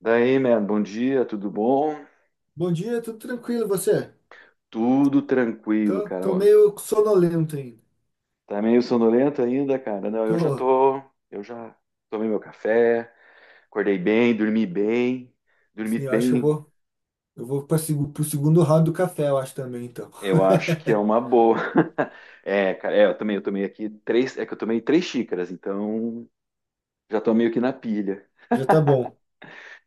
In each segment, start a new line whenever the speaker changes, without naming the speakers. Daí, man, bom dia, tudo bom?
Bom dia, tudo tranquilo, e você?
Tudo tranquilo,
Tô,
cara.
tô
Ó,
meio sonolento ainda.
tá meio sonolento ainda, cara? Não,
Pô,
eu já tomei meu café, acordei bem, dormi bem, dormi
sim, eu acho que eu
bem.
vou, eu vou para pro segundo round do café, eu acho também, então.
Eu acho que é uma boa. É, cara, é, eu também, eu tomei aqui três, é que eu tomei três xícaras, então já tô meio que na pilha.
Já tá bom.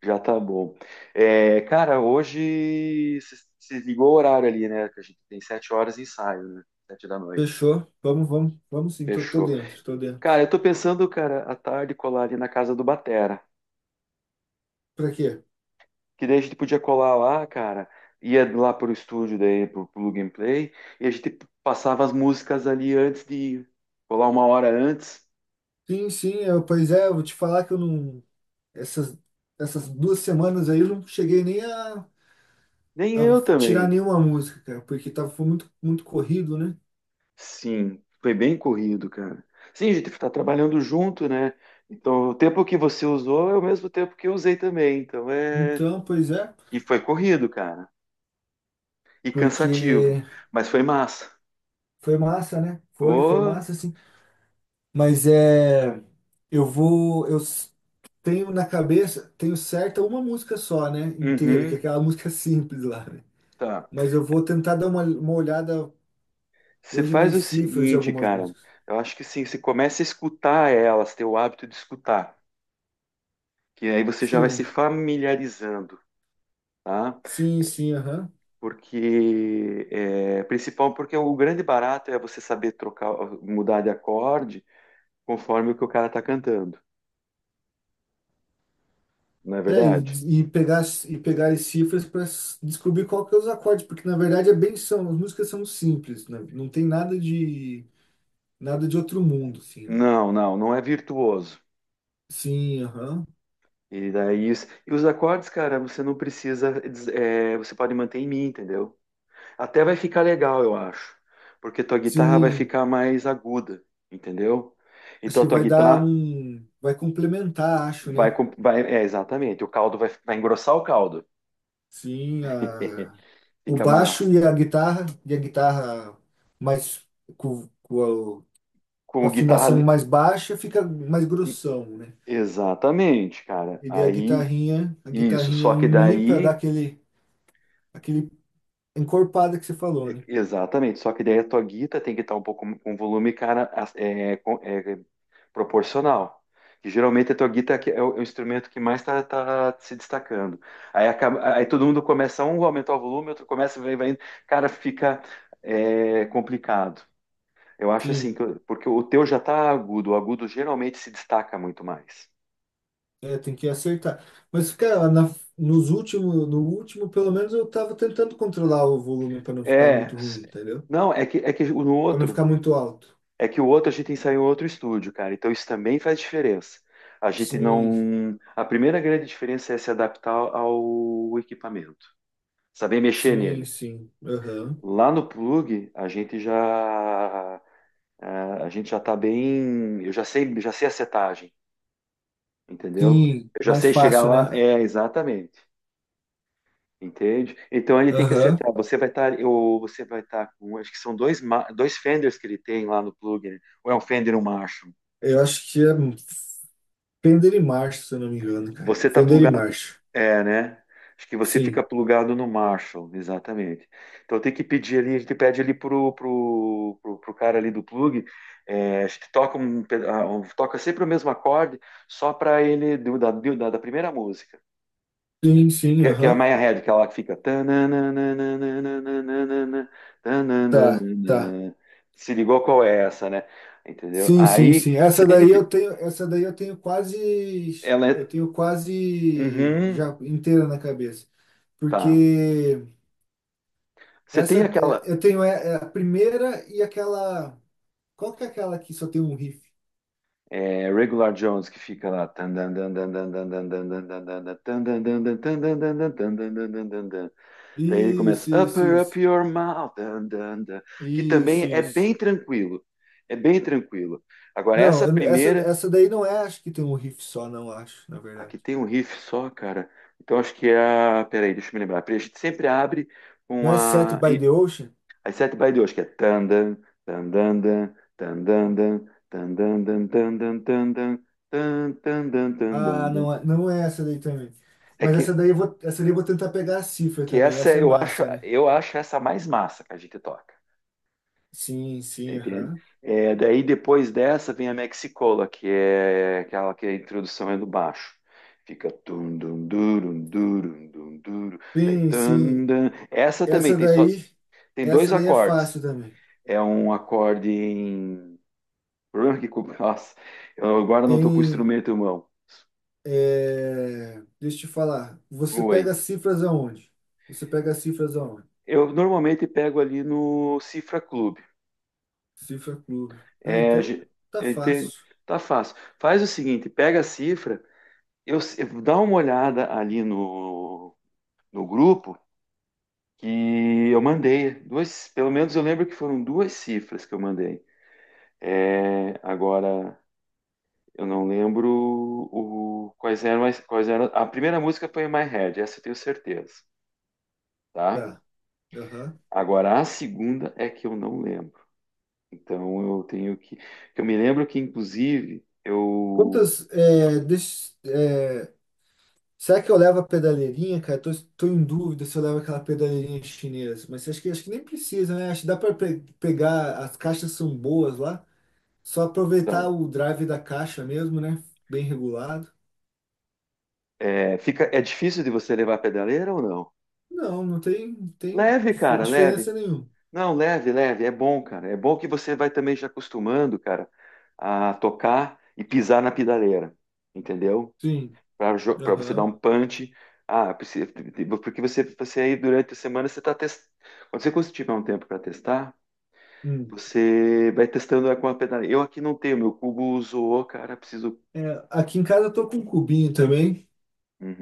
Já tá bom. É, cara, hoje se ligou o horário ali, né? Que a gente tem 7 horas de ensaio, né? 7 da noite.
Fechou? Vamos sim, tô
Fechou.
dentro, tô
Cara,
dentro.
eu tô pensando, cara, à tarde colar ali na casa do Batera.
Pra quê?
Que daí a gente podia colar lá, cara. Ia lá pro estúdio daí, pro Plug and Play. E a gente passava as músicas ali antes de ir. Colar uma hora antes.
Sim, pois é, eu vou te falar que eu não. Essas, essas duas semanas aí eu não cheguei nem a,
Nem
a
eu
tirar
também.
nenhuma música, cara, porque tava, foi muito, muito corrido, né?
Sim, foi bem corrido, cara. Sim, a gente tá trabalhando junto, né? Então, o tempo que você usou é o mesmo tempo que eu usei também. Então, é.
Então, pois é,
E foi corrido, cara. E cansativo.
porque
Mas foi massa.
foi massa, né? Foi
Ô,
massa, assim. Mas é. Eu vou. Tenho na cabeça, tenho certa uma música só, né? Inteira, que é
uhum,
aquela música simples lá, né?
tá.
Mas eu vou tentar dar uma olhada
Você
hoje
faz
nas
o
cifras de
seguinte,
algumas
cara.
músicas.
Eu acho que sim, você começa a escutar elas, ter o hábito de escutar, que aí você já vai se
Sim,
familiarizando, tá?
sim, aham.
Porque é principal, porque o grande barato é você saber trocar, mudar de acorde conforme o que o cara tá cantando, não é
É,
verdade?
e pegar as cifras para descobrir qual que é os acordes, porque na verdade é bem são, as músicas são simples, né? Não tem nada de nada de outro mundo, assim, né?
Não, não, não é virtuoso.
Sim, aham.
E daí, e os acordes, cara, você não precisa, é, você pode manter em mim, entendeu? Até vai ficar legal, eu acho, porque tua guitarra vai
Sim,
ficar mais aguda, entendeu?
acho
Então a
que
tua
vai dar
guitarra
um. Vai complementar, acho,
vai,
né?
com- vai, é exatamente, o caldo vai engrossar o caldo,
Sim, a- o
fica massa.
baixo e a guitarra mais com, com a,
Com
com a
o guitarra,
afinação mais baixa fica mais grossão, né?
exatamente, cara.
E daí
Aí,
a
isso,
guitarrinha
só
em
que
mi para dar
daí
aquele, aquele encorpada que você falou,
E-
né?
Exatamente, só que daí a tua guita tem que estar um pouco com volume, cara, é, é, proporcional. E geralmente a tua guita é o instrumento que mais está se destacando. Aí, aí todo mundo começa, um aumentar o volume, outro começa, vai, vai, indo. Cara, fica, é, complicado. Eu acho assim,
Sim,
porque o teu já está agudo, o agudo geralmente se destaca muito mais.
é, tem que acertar. Mas, cara, na, Nos últimos, no último, pelo menos eu tava tentando controlar o volume para não ficar
É,
muito ruim, entendeu?
não, é que no
Para não
outro.
ficar muito alto.
É que o outro a gente ensaiou em outro estúdio, cara. Então isso também faz diferença. A gente
Sim,
não. A primeira grande diferença é se adaptar ao equipamento, saber mexer
sim,
nele.
sim. Aham.
Lá no plug, é, a gente já tá bem. Eu já sei a setagem, entendeu?
Sim,
Eu já
mais
sei chegar
fácil,
lá.
né?
É, exatamente. Entende? Então ele tem que
Aham.
acertar. Ou você vai estar com, acho que são dois, dois fenders que ele tem lá no plug, né? Ou é um fender e um Marshall.
Eu acho que é Fender e March, se eu não me engano, cara.
Você está
Fender e
plugado.
March.
É, né? Acho que você fica
Sim.
plugado no Marshall, exatamente. Então tem que pedir ali, a gente pede ali pro cara ali do plug, é, a gente toca, toca sempre o mesmo acorde, só para ele, da primeira música,
Sim, sim,
que é a
aham.
Maya Head, que ela fica, tananananananananana,
Tá, tá.
tanananana. Se ligou qual é essa, né? Entendeu?
Sim, sim,
Aí,
sim.
se
Essa
a
daí eu
gente,
tenho, essa daí
ela
eu
é.
tenho quase
Uhum,
já inteira na cabeça.
tá.
Porque
Você
essa
tem
é,
aquela.
eu tenho é, é a primeira e aquela, qual que é aquela que só tem um riff?
É, Regular Jones que fica lá. Daí ele começa
Isso, isso,
Upper Up
isso.
Your Mouth, que
Isso,
também é bem
isso.
tranquilo. É bem tranquilo. Agora,
Não,
essa
eu- essa,
primeira,
essa daí não é, acho que tem um riff só, não acho, na verdade.
aqui tem um riff só, cara. Então acho que é a. Peraí, deixa eu me lembrar. Porque a gente sempre abre
Não
com
é Set
a.
by the Ocean?
As sete by 2, que é tan, dan, dan, tan, dan, dan, tan, dan.
Não é essa daí também.
É
Mas essa
que,
daí eu vou, essa daí eu vou tentar pegar a cifra
que
também.
essa
Essa é
eu acho,
massa, né?
eu acho essa a mais massa que a gente toca,
Sim, sim,
entende?
aham.
É, daí depois dessa vem a Mexicola, que é aquela que a introdução é do baixo. Fica tum dum durum durum dum duro, daí
Sim,
tum,
sim.
dum. Essa também
Essa daí,
tem dois
essa daí é
acordes.
fácil também.
É um acorde em o problema é que nossa, eu agora não estou com o
Em,
instrumento em mão.
deixa eu te falar. Você pega
Oi.
as cifras aonde? Você pega as cifras aonde?
Eu normalmente pego ali no Cifra Club.
Cifra Clube. Ah,
É,
então tá
eu
fácil.
tá fácil. Faz o seguinte, pega a cifra, eu, se- dá uma olhada ali no grupo que eu mandei. Duas, pelo menos eu lembro que foram duas cifras que eu mandei. É, agora eu não lembro o, quais eram as, quais eram. A primeira música foi My Head, essa eu tenho certeza, tá?
Tá. Aham.
Agora a segunda é que eu não lembro. Então eu tenho que. Eu me lembro que inclusive eu
Quantas. Será que eu levo a pedaleirinha, cara? Tô, tô em dúvida se eu levo aquela pedaleirinha chinesa. Mas acho que nem precisa, né? Acho que dá para pegar. As caixas são boas lá. Só
dá.
aproveitar o drive da caixa mesmo, né? Bem regulado.
É, fica, é difícil de você levar a pedaleira ou não?
Não, não tem
Leve,
dif-
cara, leve.
diferença nenhuma.
Não, leve, leve. É bom, cara. É bom que você vai também já acostumando, cara, a tocar e pisar na pedaleira, entendeu?
Sim.
Para você dar
Aham.
um punch. Ah, porque você aí durante a semana você está testando. Quando você tiver um tempo para testar,
Hum.
você vai testando com a pedaleira. Eu aqui não tenho, meu cubo zoou, cara. Preciso.
É, aqui em casa eu tô com um cubinho também.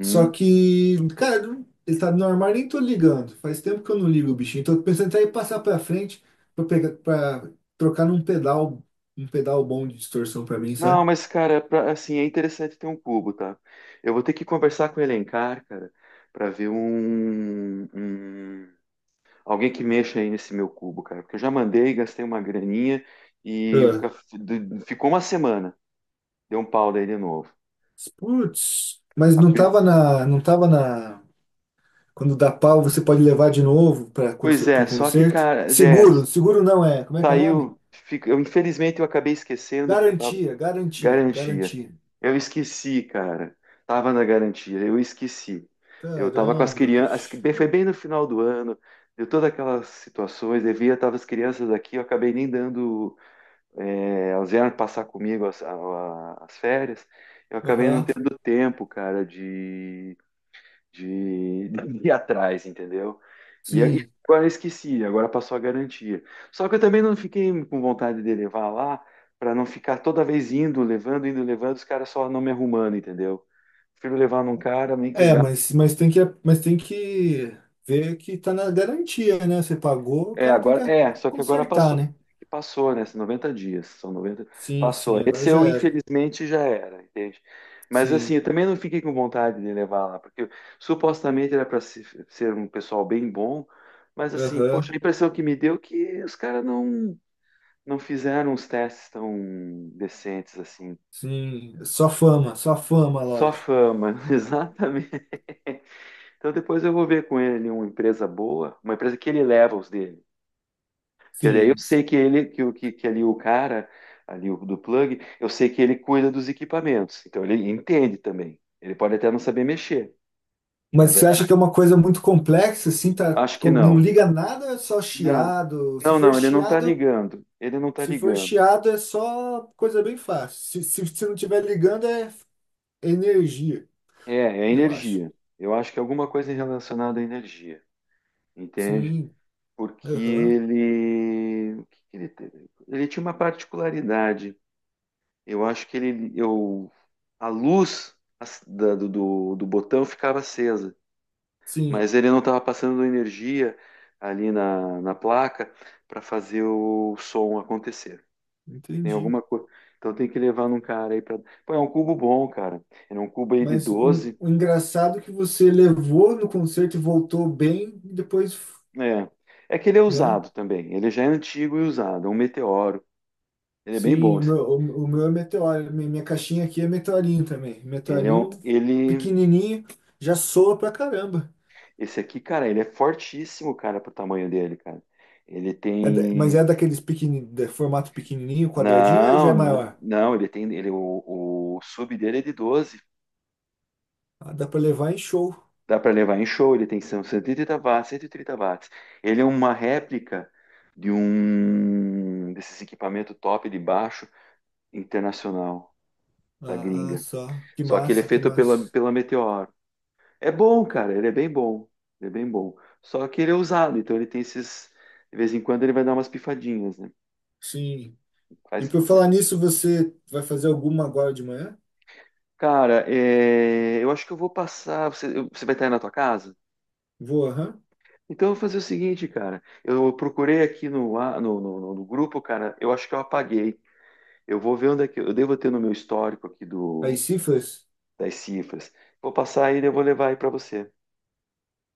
Só que, cara, ele tá no armário, nem tô ligando. Faz tempo que eu não ligo o bichinho. Tô pensando até em passar pra frente pra pegar, pra trocar num pedal, um pedal bom de distorção pra mim,
Não,
sabe?
mas, cara, é assim, é interessante ter um cubo, tá? Eu vou ter que conversar com o Elencar, cara, pra ver alguém que mexa aí nesse meu cubo, cara. Porque eu já mandei, gastei uma graninha e o
Ah,
ficou uma semana. Deu um pau daí de novo.
putz. Mas
A
não
pri-
tava na, não tava na. Quando dá pau, você pode levar de novo para
Pois é,
pro
só que,
concerto.
cara, é,
Seguro, seguro não é. Como é que é o nome?
saiu, eu, infelizmente, eu acabei esquecendo, porque eu tava.
Garantia, garantia,
Garantia.
garantia.
Eu esqueci, cara. Tava na garantia, eu esqueci. Eu tava com as
Caramba,
crianças,
bicho.
foi bem no final do ano, deu todas aquelas situações, devia, tava as crianças aqui, eu acabei nem dando, é, elas vieram passar comigo as férias, eu acabei não
Aham.
tendo tempo, cara, de ir atrás, entendeu? E
Sim.
agora eu esqueci, agora passou a garantia. Só que eu também não fiquei com vontade de levar lá para não ficar toda vez indo, levando, os caras só não me arrumando, entendeu? Prefiro levar num cara, nem que eu.
É, mas tem que ver que tá na garantia, né? Você pagou, o
É,
cara tem
agora,
que
é, só que agora
consertar,
passou,
né?
passou, né? São 90 dias, são 90,
Sim,
passou.
sim, agora
Esse
já
eu,
era.
infelizmente, já era, entende? Mas assim,
Sim,
eu também não fiquei com vontade de levar lá, porque supostamente era para ser um pessoal bem bom, mas assim,
aham,
poxa, a impressão que me deu é que os caras não fizeram os testes tão decentes assim.
sim. Só fama, a
Só
loja.
fama, exatamente. Então depois eu vou ver com ele uma empresa boa, uma empresa que ele leva os dele. Porque daí eu
Sim.
sei que ele, que ali o cara, ali o do plug, eu sei que ele cuida dos equipamentos. Então ele entende também. Ele pode até não saber mexer, não
Mas
é
você acha que é
verdade?
uma coisa muito complexa, assim, tá,
Acho que
com- não
não.
liga nada, é só
Não.
chiado. Se
Não,
for
não, ele não tá
chiado,
ligando. Ele não tá
se for
ligando.
chiado é só coisa bem fácil. Se não tiver ligando é energia,
É
eu acho.
energia. Eu acho que é alguma coisa relacionada à energia, entende?
Sim,
Porque
aham,
ele, o que que ele, teve? Ele tinha uma particularidade. Eu acho que ele, eu, a luz do botão ficava acesa.
sim.
Mas ele não estava passando energia ali na placa para fazer o som acontecer. Tem
Entendi.
alguma coisa. Então tem que levar num cara aí para. Pô, é um cubo bom, cara. Era um cubo aí de
Mas
12.
o engraçado é que você levou no concerto e voltou bem, e depois,
É. É que ele é
né?
usado também. Ele já é antigo e usado. É um meteoro. Ele é bem bom.
Sim, o
Esse.
meu, o, o meu é meteoro. Minha caixinha aqui é meteorinho também.
Ele é
Meteorinho
um, ele.
pequenininho, já soa pra caramba.
Esse aqui, cara, ele é fortíssimo, cara, pro tamanho dele, cara. Ele
Mas
tem.
é daqueles pequeni, de formato pequenininho, quadradinho, ou já
Não,
é
não,
maior?
não, ele tem. Ele, o sub dele é de 12.
Ah, dá pra levar em show.
Dá para levar em show, ele tem são 130 watts, 130 watts. Ele é uma réplica de um desses equipamentos top de baixo internacional da
Ah, ah,
gringa.
só. Que
Só que ele é
massa, que
feito pela,
massa.
pela Meteoro. É bom, cara, ele é bem bom. Ele é bem bom. Só que ele é usado, então ele tem esses. De vez em quando ele vai dar umas pifadinhas, né?
Sim. E
Faz,
por
faz.
falar nisso, você vai fazer alguma agora de manhã?
Cara, é, eu acho que eu vou passar. Você vai estar aí na tua casa?
Vou, aham.
Então, eu vou fazer o seguinte, cara. Eu procurei aqui no grupo, cara. Eu acho que eu apaguei. Eu vou ver onde é que eu devo ter no meu histórico aqui
Aí, cifras?
das cifras. Vou passar aí e eu vou levar aí para você.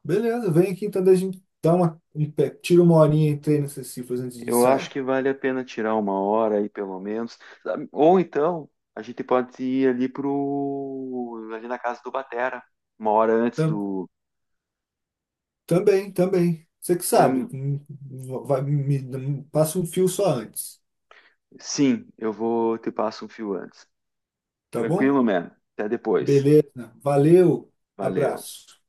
Beleza, vem aqui então, daí a gente dá uma, um pé, tira uma horinha e treina essas cifras antes de
Eu acho
ensaiar.
que vale a pena tirar uma hora aí, pelo menos. Sabe? Ou então, a gente pode ir ali ali na casa do Batera, uma hora antes
Tam-
do.
também, também. Você que sabe,
Tam-
vai, passa um fio só antes,
Sim, eu vou te passo um fio antes.
tá bom?
Tranquilo, man. Até depois.
Beleza, valeu,
Valeu.
abraço.